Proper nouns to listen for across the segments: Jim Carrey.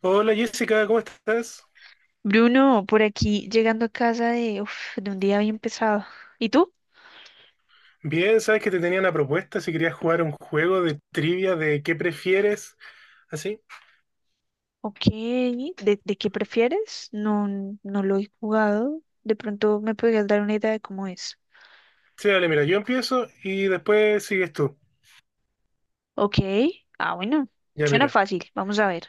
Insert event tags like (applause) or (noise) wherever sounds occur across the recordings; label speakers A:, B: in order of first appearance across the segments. A: Hola Jessica, ¿cómo estás?
B: Bruno, por aquí llegando a casa de un día bien pesado. ¿Y tú?
A: Bien, sabes que te tenía una propuesta si querías jugar un juego de trivia de qué prefieres, así.
B: Ok, ¿de qué prefieres? No, no lo he jugado. De pronto me podrías dar una idea de cómo es.
A: Sí, dale, mira, yo empiezo y después sigues tú.
B: Ok, ah, bueno,
A: Ya
B: suena
A: mira,
B: fácil. Vamos a ver.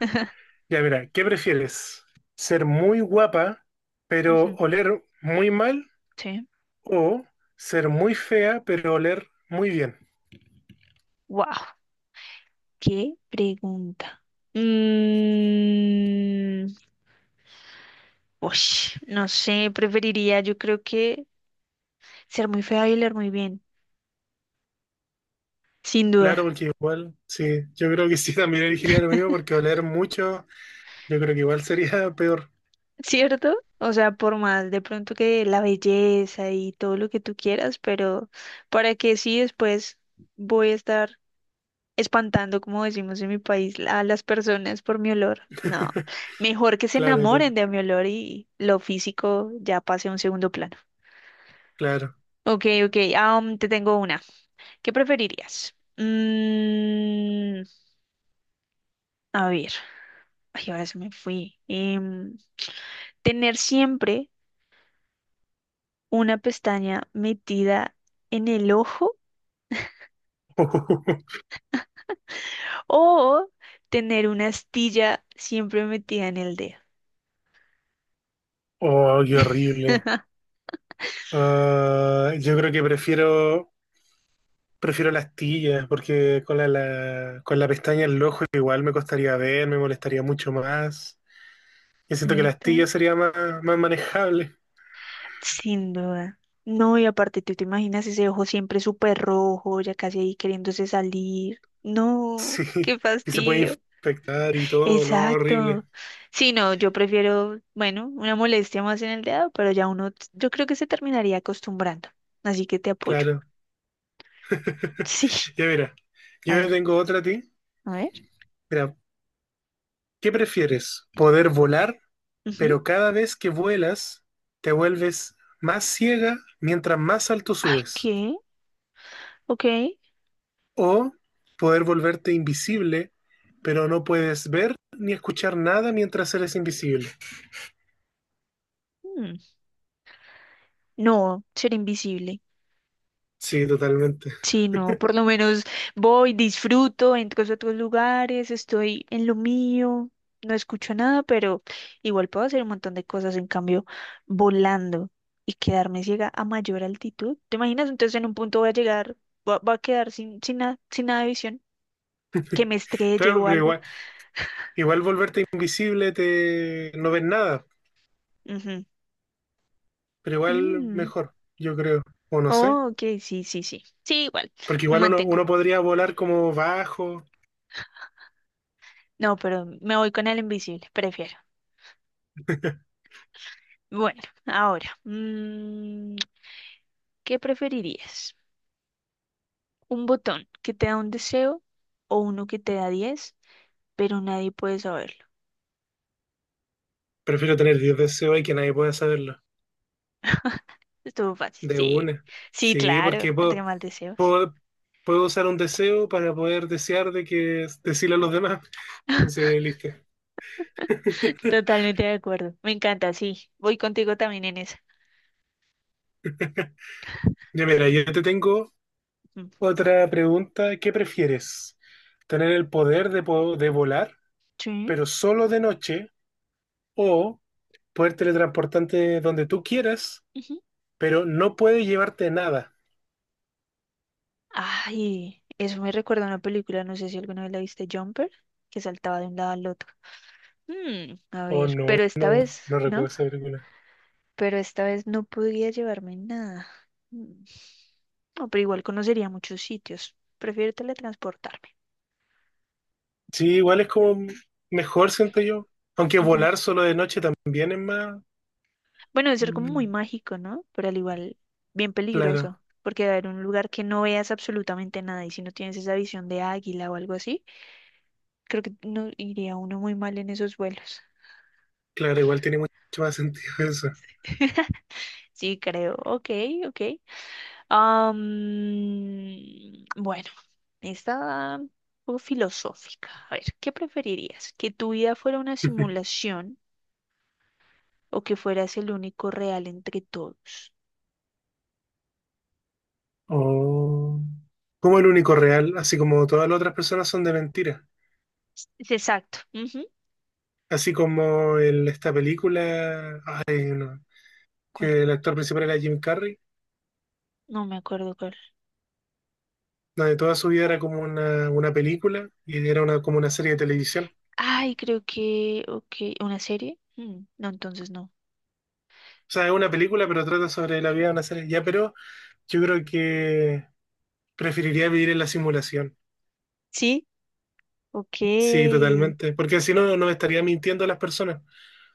B: (laughs)
A: ya mira, ¿qué prefieres? ¿Ser muy guapa pero
B: Ujú,
A: oler muy mal
B: sí.
A: o ser muy fea pero oler muy bien?
B: Wow, qué pregunta. Mm, no sé, preferiría yo creo que ser muy fea y leer muy bien, sin duda.
A: Claro, porque igual, sí, yo creo que sí, (laughs) también elegiría lo mismo porque oler mucho, yo creo que igual sería (laughs) peor.
B: ¿Cierto? O sea, por más de pronto que la belleza y todo lo que tú quieras, pero para que sí después voy a estar espantando, como decimos en mi país, a las personas por mi olor. No, mejor que se
A: Claro,
B: enamoren
A: claro,
B: de mi olor y lo físico ya pase a un segundo plano.
A: claro.
B: Ok, ok, te tengo una. ¿Qué preferirías? A ver, ay, ahora se me fui. Tener siempre una pestaña metida en el ojo
A: (laughs)
B: o tener una astilla siempre metida en el dedo.
A: Oh, qué horrible. Ah, yo creo que prefiero las tillas, porque con con la pestaña en el ojo igual me costaría ver, me molestaría mucho más. Yo siento que las
B: ¿Cierto?
A: tillas sería más, más manejable. (laughs)
B: Sin duda. No, y aparte, ¿tú te imaginas ese ojo siempre súper rojo, ya casi ahí queriéndose salir? No,
A: Sí,
B: qué
A: y se puede
B: fastidio.
A: infectar y todo, no, horrible.
B: Exacto. Sí, no, yo prefiero, bueno, una molestia más en el dedo, pero ya uno, yo creo que se terminaría acostumbrando. Así que te apoyo.
A: Claro.
B: (laughs)
A: (laughs)
B: Sí.
A: Ya mira,
B: A
A: yo
B: ver,
A: tengo otra a ti.
B: a ver.
A: Mira, ¿qué prefieres? ¿Poder volar,
B: Ujú.
A: pero cada vez que vuelas te vuelves más ciega mientras más alto
B: Ay,
A: subes?
B: ¿qué? Ok.
A: O poder volverte invisible, pero no puedes ver ni escuchar nada mientras eres invisible.
B: Mm, No, ser invisible.
A: Sí, totalmente.
B: Sí, no, por lo menos voy, disfruto, entro a otros lugares, estoy en lo mío, no escucho nada, pero igual puedo hacer un montón de cosas, en cambio, volando y quedarme ciega a mayor altitud. ¿Te imaginas? Entonces en un punto voy a llegar, va a quedar sin, sin, nada, sin nada de visión, que me estrelle
A: Claro,
B: o
A: pero
B: algo.
A: igual, igual volverte invisible te no ves nada,
B: Ujú.
A: pero igual
B: Mm.
A: mejor, yo creo. O no sé.
B: Oh, ok, sí, sí, sí. Sí, igual,
A: Porque
B: me
A: igual uno,
B: mantengo.
A: uno podría volar como bajo.
B: No, pero me voy con el invisible, prefiero.
A: (laughs)
B: Bueno, ahora, ¿qué preferirías? Un botón que te da un deseo o uno que te da 10 pero nadie puede saberlo.
A: Prefiero tener 10 deseos y que nadie pueda saberlo.
B: Estuvo fácil.
A: De
B: Sí,
A: una.
B: sí,
A: Sí,
B: claro,
A: porque
B: entre más deseos.
A: puedo, puedo usar un deseo para poder desear de que decirle a los demás. Entonces, listo. (laughs)
B: Totalmente de acuerdo. Me encanta, sí. Voy contigo también en esa.
A: Ya mira, yo te tengo
B: Mm.
A: otra pregunta. ¿Qué prefieres? ¿Tener el poder de, de volar,
B: Sí.
A: pero solo de noche? ¿O poder teletransportarte donde tú quieras,
B: Ujú.
A: pero no puedes llevarte nada?
B: Ay, eso me recuerda a una película, no sé si alguna vez la viste, Jumper, que saltaba de un lado al otro. A
A: O
B: ver,
A: no,
B: pero esta
A: no
B: vez,
A: no
B: ¿no?
A: recuerdo esa película.
B: Pero esta vez no podría llevarme nada. Mm. No, pero igual conocería muchos sitios. Prefiero teletransportarme.
A: Sí, igual es como mejor, siento yo. Aunque volar solo de noche también es más...
B: Bueno, debe ser como muy
A: mm,
B: mágico, ¿no? Pero al igual, bien peligroso,
A: claro,
B: porque va a haber un lugar que no veas absolutamente nada y si no tienes esa visión de águila o algo así, creo que no iría uno muy mal en esos vuelos.
A: claro, igual tiene mucho más sentido eso.
B: (laughs) Sí, creo. Ok, ok. Bueno, esta un poco filosófica. A ver, ¿qué preferirías? ¿Que tu vida fuera una
A: (laughs)
B: simulación o que fueras el único real entre todos?
A: O como el único real, así como todas las otras personas son de mentira.
B: Es exacto. Ujú.
A: Así como en esta película, ay, no,
B: ¿Cuál?
A: que el actor principal era Jim Carrey,
B: No me acuerdo.
A: donde toda su vida era como una película y era una, como una serie de televisión. O
B: Ay, creo que, ok, ¿una serie? Mm, no, entonces no.
A: sea, es una película, pero trata sobre la vida de una serie. Ya, pero yo creo que preferiría vivir en la simulación.
B: Sí, ok.
A: Sí, totalmente. Porque si no, no estaría mintiendo a las personas.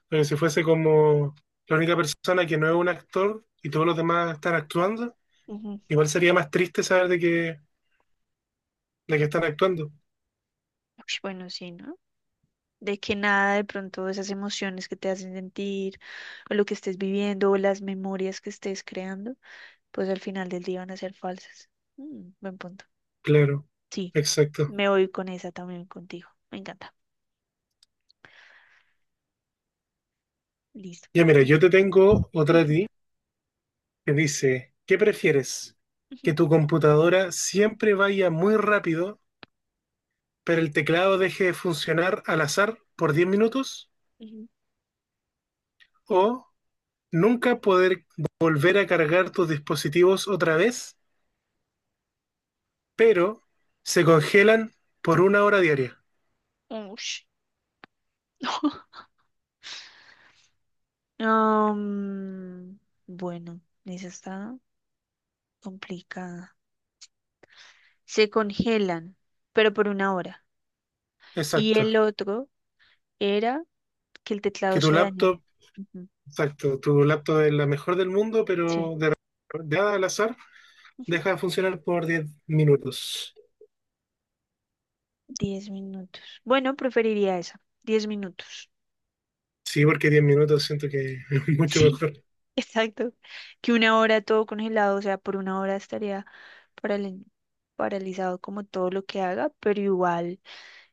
A: Pero si fuese como la única persona que no es un actor y todos los demás están actuando,
B: Ujú.
A: igual sería más triste saber de que están actuando.
B: Ush, bueno, sí, ¿no? De que nada de pronto esas emociones que te hacen sentir, o lo que estés viviendo, o las memorias que estés creando, pues al final del día van a ser falsas. Mm, buen punto.
A: Claro,
B: Sí,
A: exacto.
B: me voy con esa también contigo. Me encanta. Listo.
A: Ya mira,
B: Sí.
A: yo te tengo otra de
B: Ujú,
A: ti que dice, ¿qué prefieres? ¿Que
B: ujú,
A: tu computadora siempre vaya muy rápido, pero el teclado deje de funcionar al azar por 10 minutos?
B: ujú.
A: ¿O nunca poder volver a cargar tus dispositivos otra vez, pero se congelan por 1 hora diaria?
B: Ush. (laughs) Um, bueno, esa está complicada. Se congelan, pero por una hora. Y
A: Exacto.
B: el otro era que el
A: Que
B: teclado
A: tu
B: se dañara.
A: laptop,
B: Ujú,
A: exacto, tu laptop es la mejor del mundo,
B: sí.
A: pero de nada al azar
B: Ujú.
A: deja de funcionar por 10 minutos.
B: Diez minutos. Bueno, preferiría esa. Diez minutos.
A: Sí, porque 10 minutos siento que es (laughs) mucho
B: Sí,
A: mejor.
B: (laughs) exacto. Que una hora todo congelado, o sea, por una hora estaría paral- paralizado como todo lo que haga, pero igual.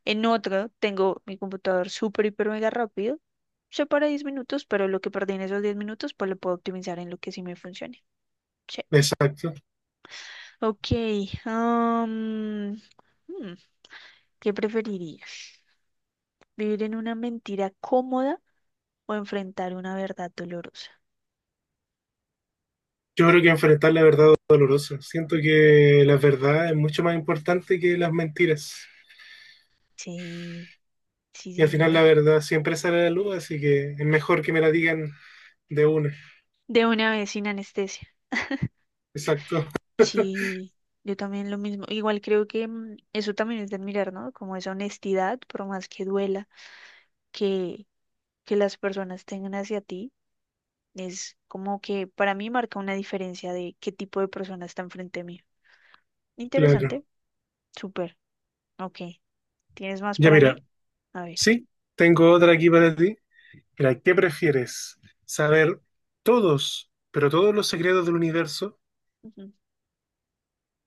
B: En otro, tengo mi computador súper, hiper, mega rápido. Se para 10 minutos, pero lo que perdí en esos diez minutos, pues lo puedo optimizar en lo que sí me funcione. Sí.
A: Exacto.
B: Ok. am, hmm, ¿Qué preferirías? ¿Vivir en una mentira cómoda o enfrentar una verdad dolorosa?
A: Yo creo que enfrentar la verdad dolorosa. Siento que la verdad es mucho más importante que las mentiras.
B: Sí, sí,
A: Y al
B: sin
A: final la
B: duda.
A: verdad siempre sale a la luz, así que es mejor que me la digan de una.
B: De una vez sin anestesia.
A: Exacto. (laughs)
B: Sí, yo también lo mismo. Igual creo que eso también es de admirar, ¿no? Como esa honestidad, por más que duela, que, que las personas tengan hacia ti, es como que para mí marca una diferencia de qué tipo de persona está enfrente mío.
A: Claro.
B: Interesante, súper, ok. ¿Tienes más
A: Ya
B: para mí?
A: mira,
B: A ver.
A: sí, tengo otra aquí para ti. Mira, ¿qué prefieres? ¿Saber todos, pero todos los secretos del universo,
B: Ujú,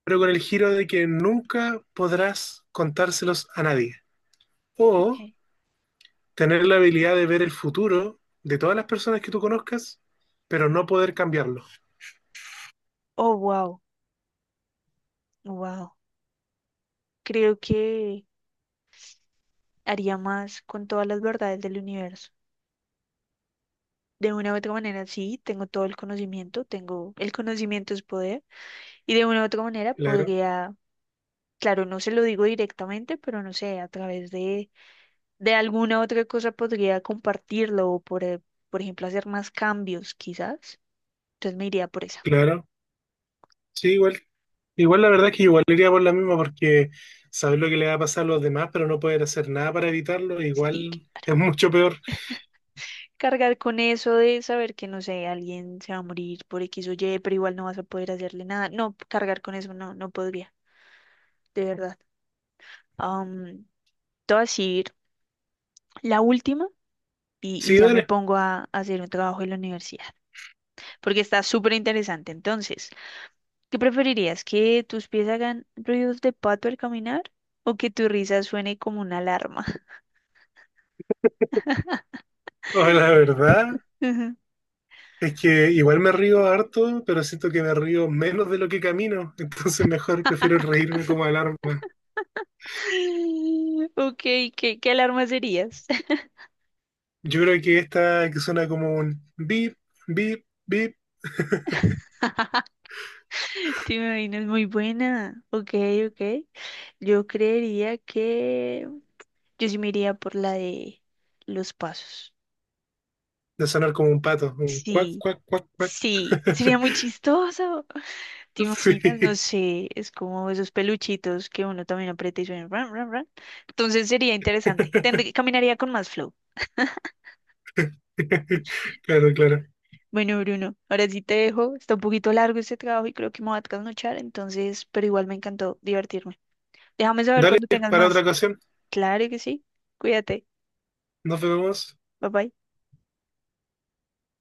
A: pero con el giro de que nunca podrás contárselos a nadie? O
B: ok.
A: tener la habilidad de ver el futuro de todas las personas que tú conozcas, pero no poder cambiarlo.
B: Oh, wow, wow. Creo que haría más con todas las verdades del universo. De una u otra manera, sí, tengo todo el conocimiento, tengo el conocimiento es poder, y de una u otra manera
A: Claro,
B: podría, claro, no se lo digo directamente, pero no sé, a través de alguna otra cosa podría compartirlo por ejemplo hacer más cambios, quizás. Entonces me iría por esa.
A: claro. Sí, igual. Igual la verdad es que igual iría por la misma porque saber lo que le va a pasar a los demás, pero no poder hacer nada para evitarlo,
B: Sí.
A: igual es mucho peor.
B: Cargar con eso de saber que, no sé, alguien se va a morir por X o Y, pero igual no vas a poder hacerle nada. No, cargar con eso no, no podría, de verdad. Um, Te voy a decir la última y
A: Sí,
B: ya me
A: dale.
B: pongo a hacer un trabajo en la universidad, porque está súper interesante. Entonces, ¿qué preferirías? ¿Que tus pies hagan ruidos de pato al caminar o que tu risa suene como una alarma?
A: O la verdad
B: (laughs)
A: es que igual me río harto, pero siento que me río menos de lo que camino, (laughs) entonces mejor prefiero reírme como alarma.
B: Ok, ¿qué alarma serías?
A: Yo creo que esta que suena como un bip, bip, bip,
B: (laughs) Te imaginas, muy buena. Ok, ok. Yo creería que yo sí me iría por la de los pasos.
A: de sonar como un pato, un cuac,
B: Sí,
A: cuac, cuac, cuac.
B: sí, sería muy chistoso. ¿Te imaginas? No
A: Sí.
B: sé, es como esos peluchitos que uno también aprieta y suena ran, ran, ran. Entonces sería interesante.
A: (laughs)
B: Caminaría con más flow.
A: Claro, claro.
B: Bueno, Bruno, ahora sí te dejo. Está un poquito largo este trabajo y creo que me voy a trasnochar, entonces, pero igual me encantó divertirme. Déjame saber
A: Dale,
B: cuando tengas
A: para otra
B: más.
A: ocasión.
B: Claro que sí. Cuídate.
A: Nos vemos.
B: Bye bye.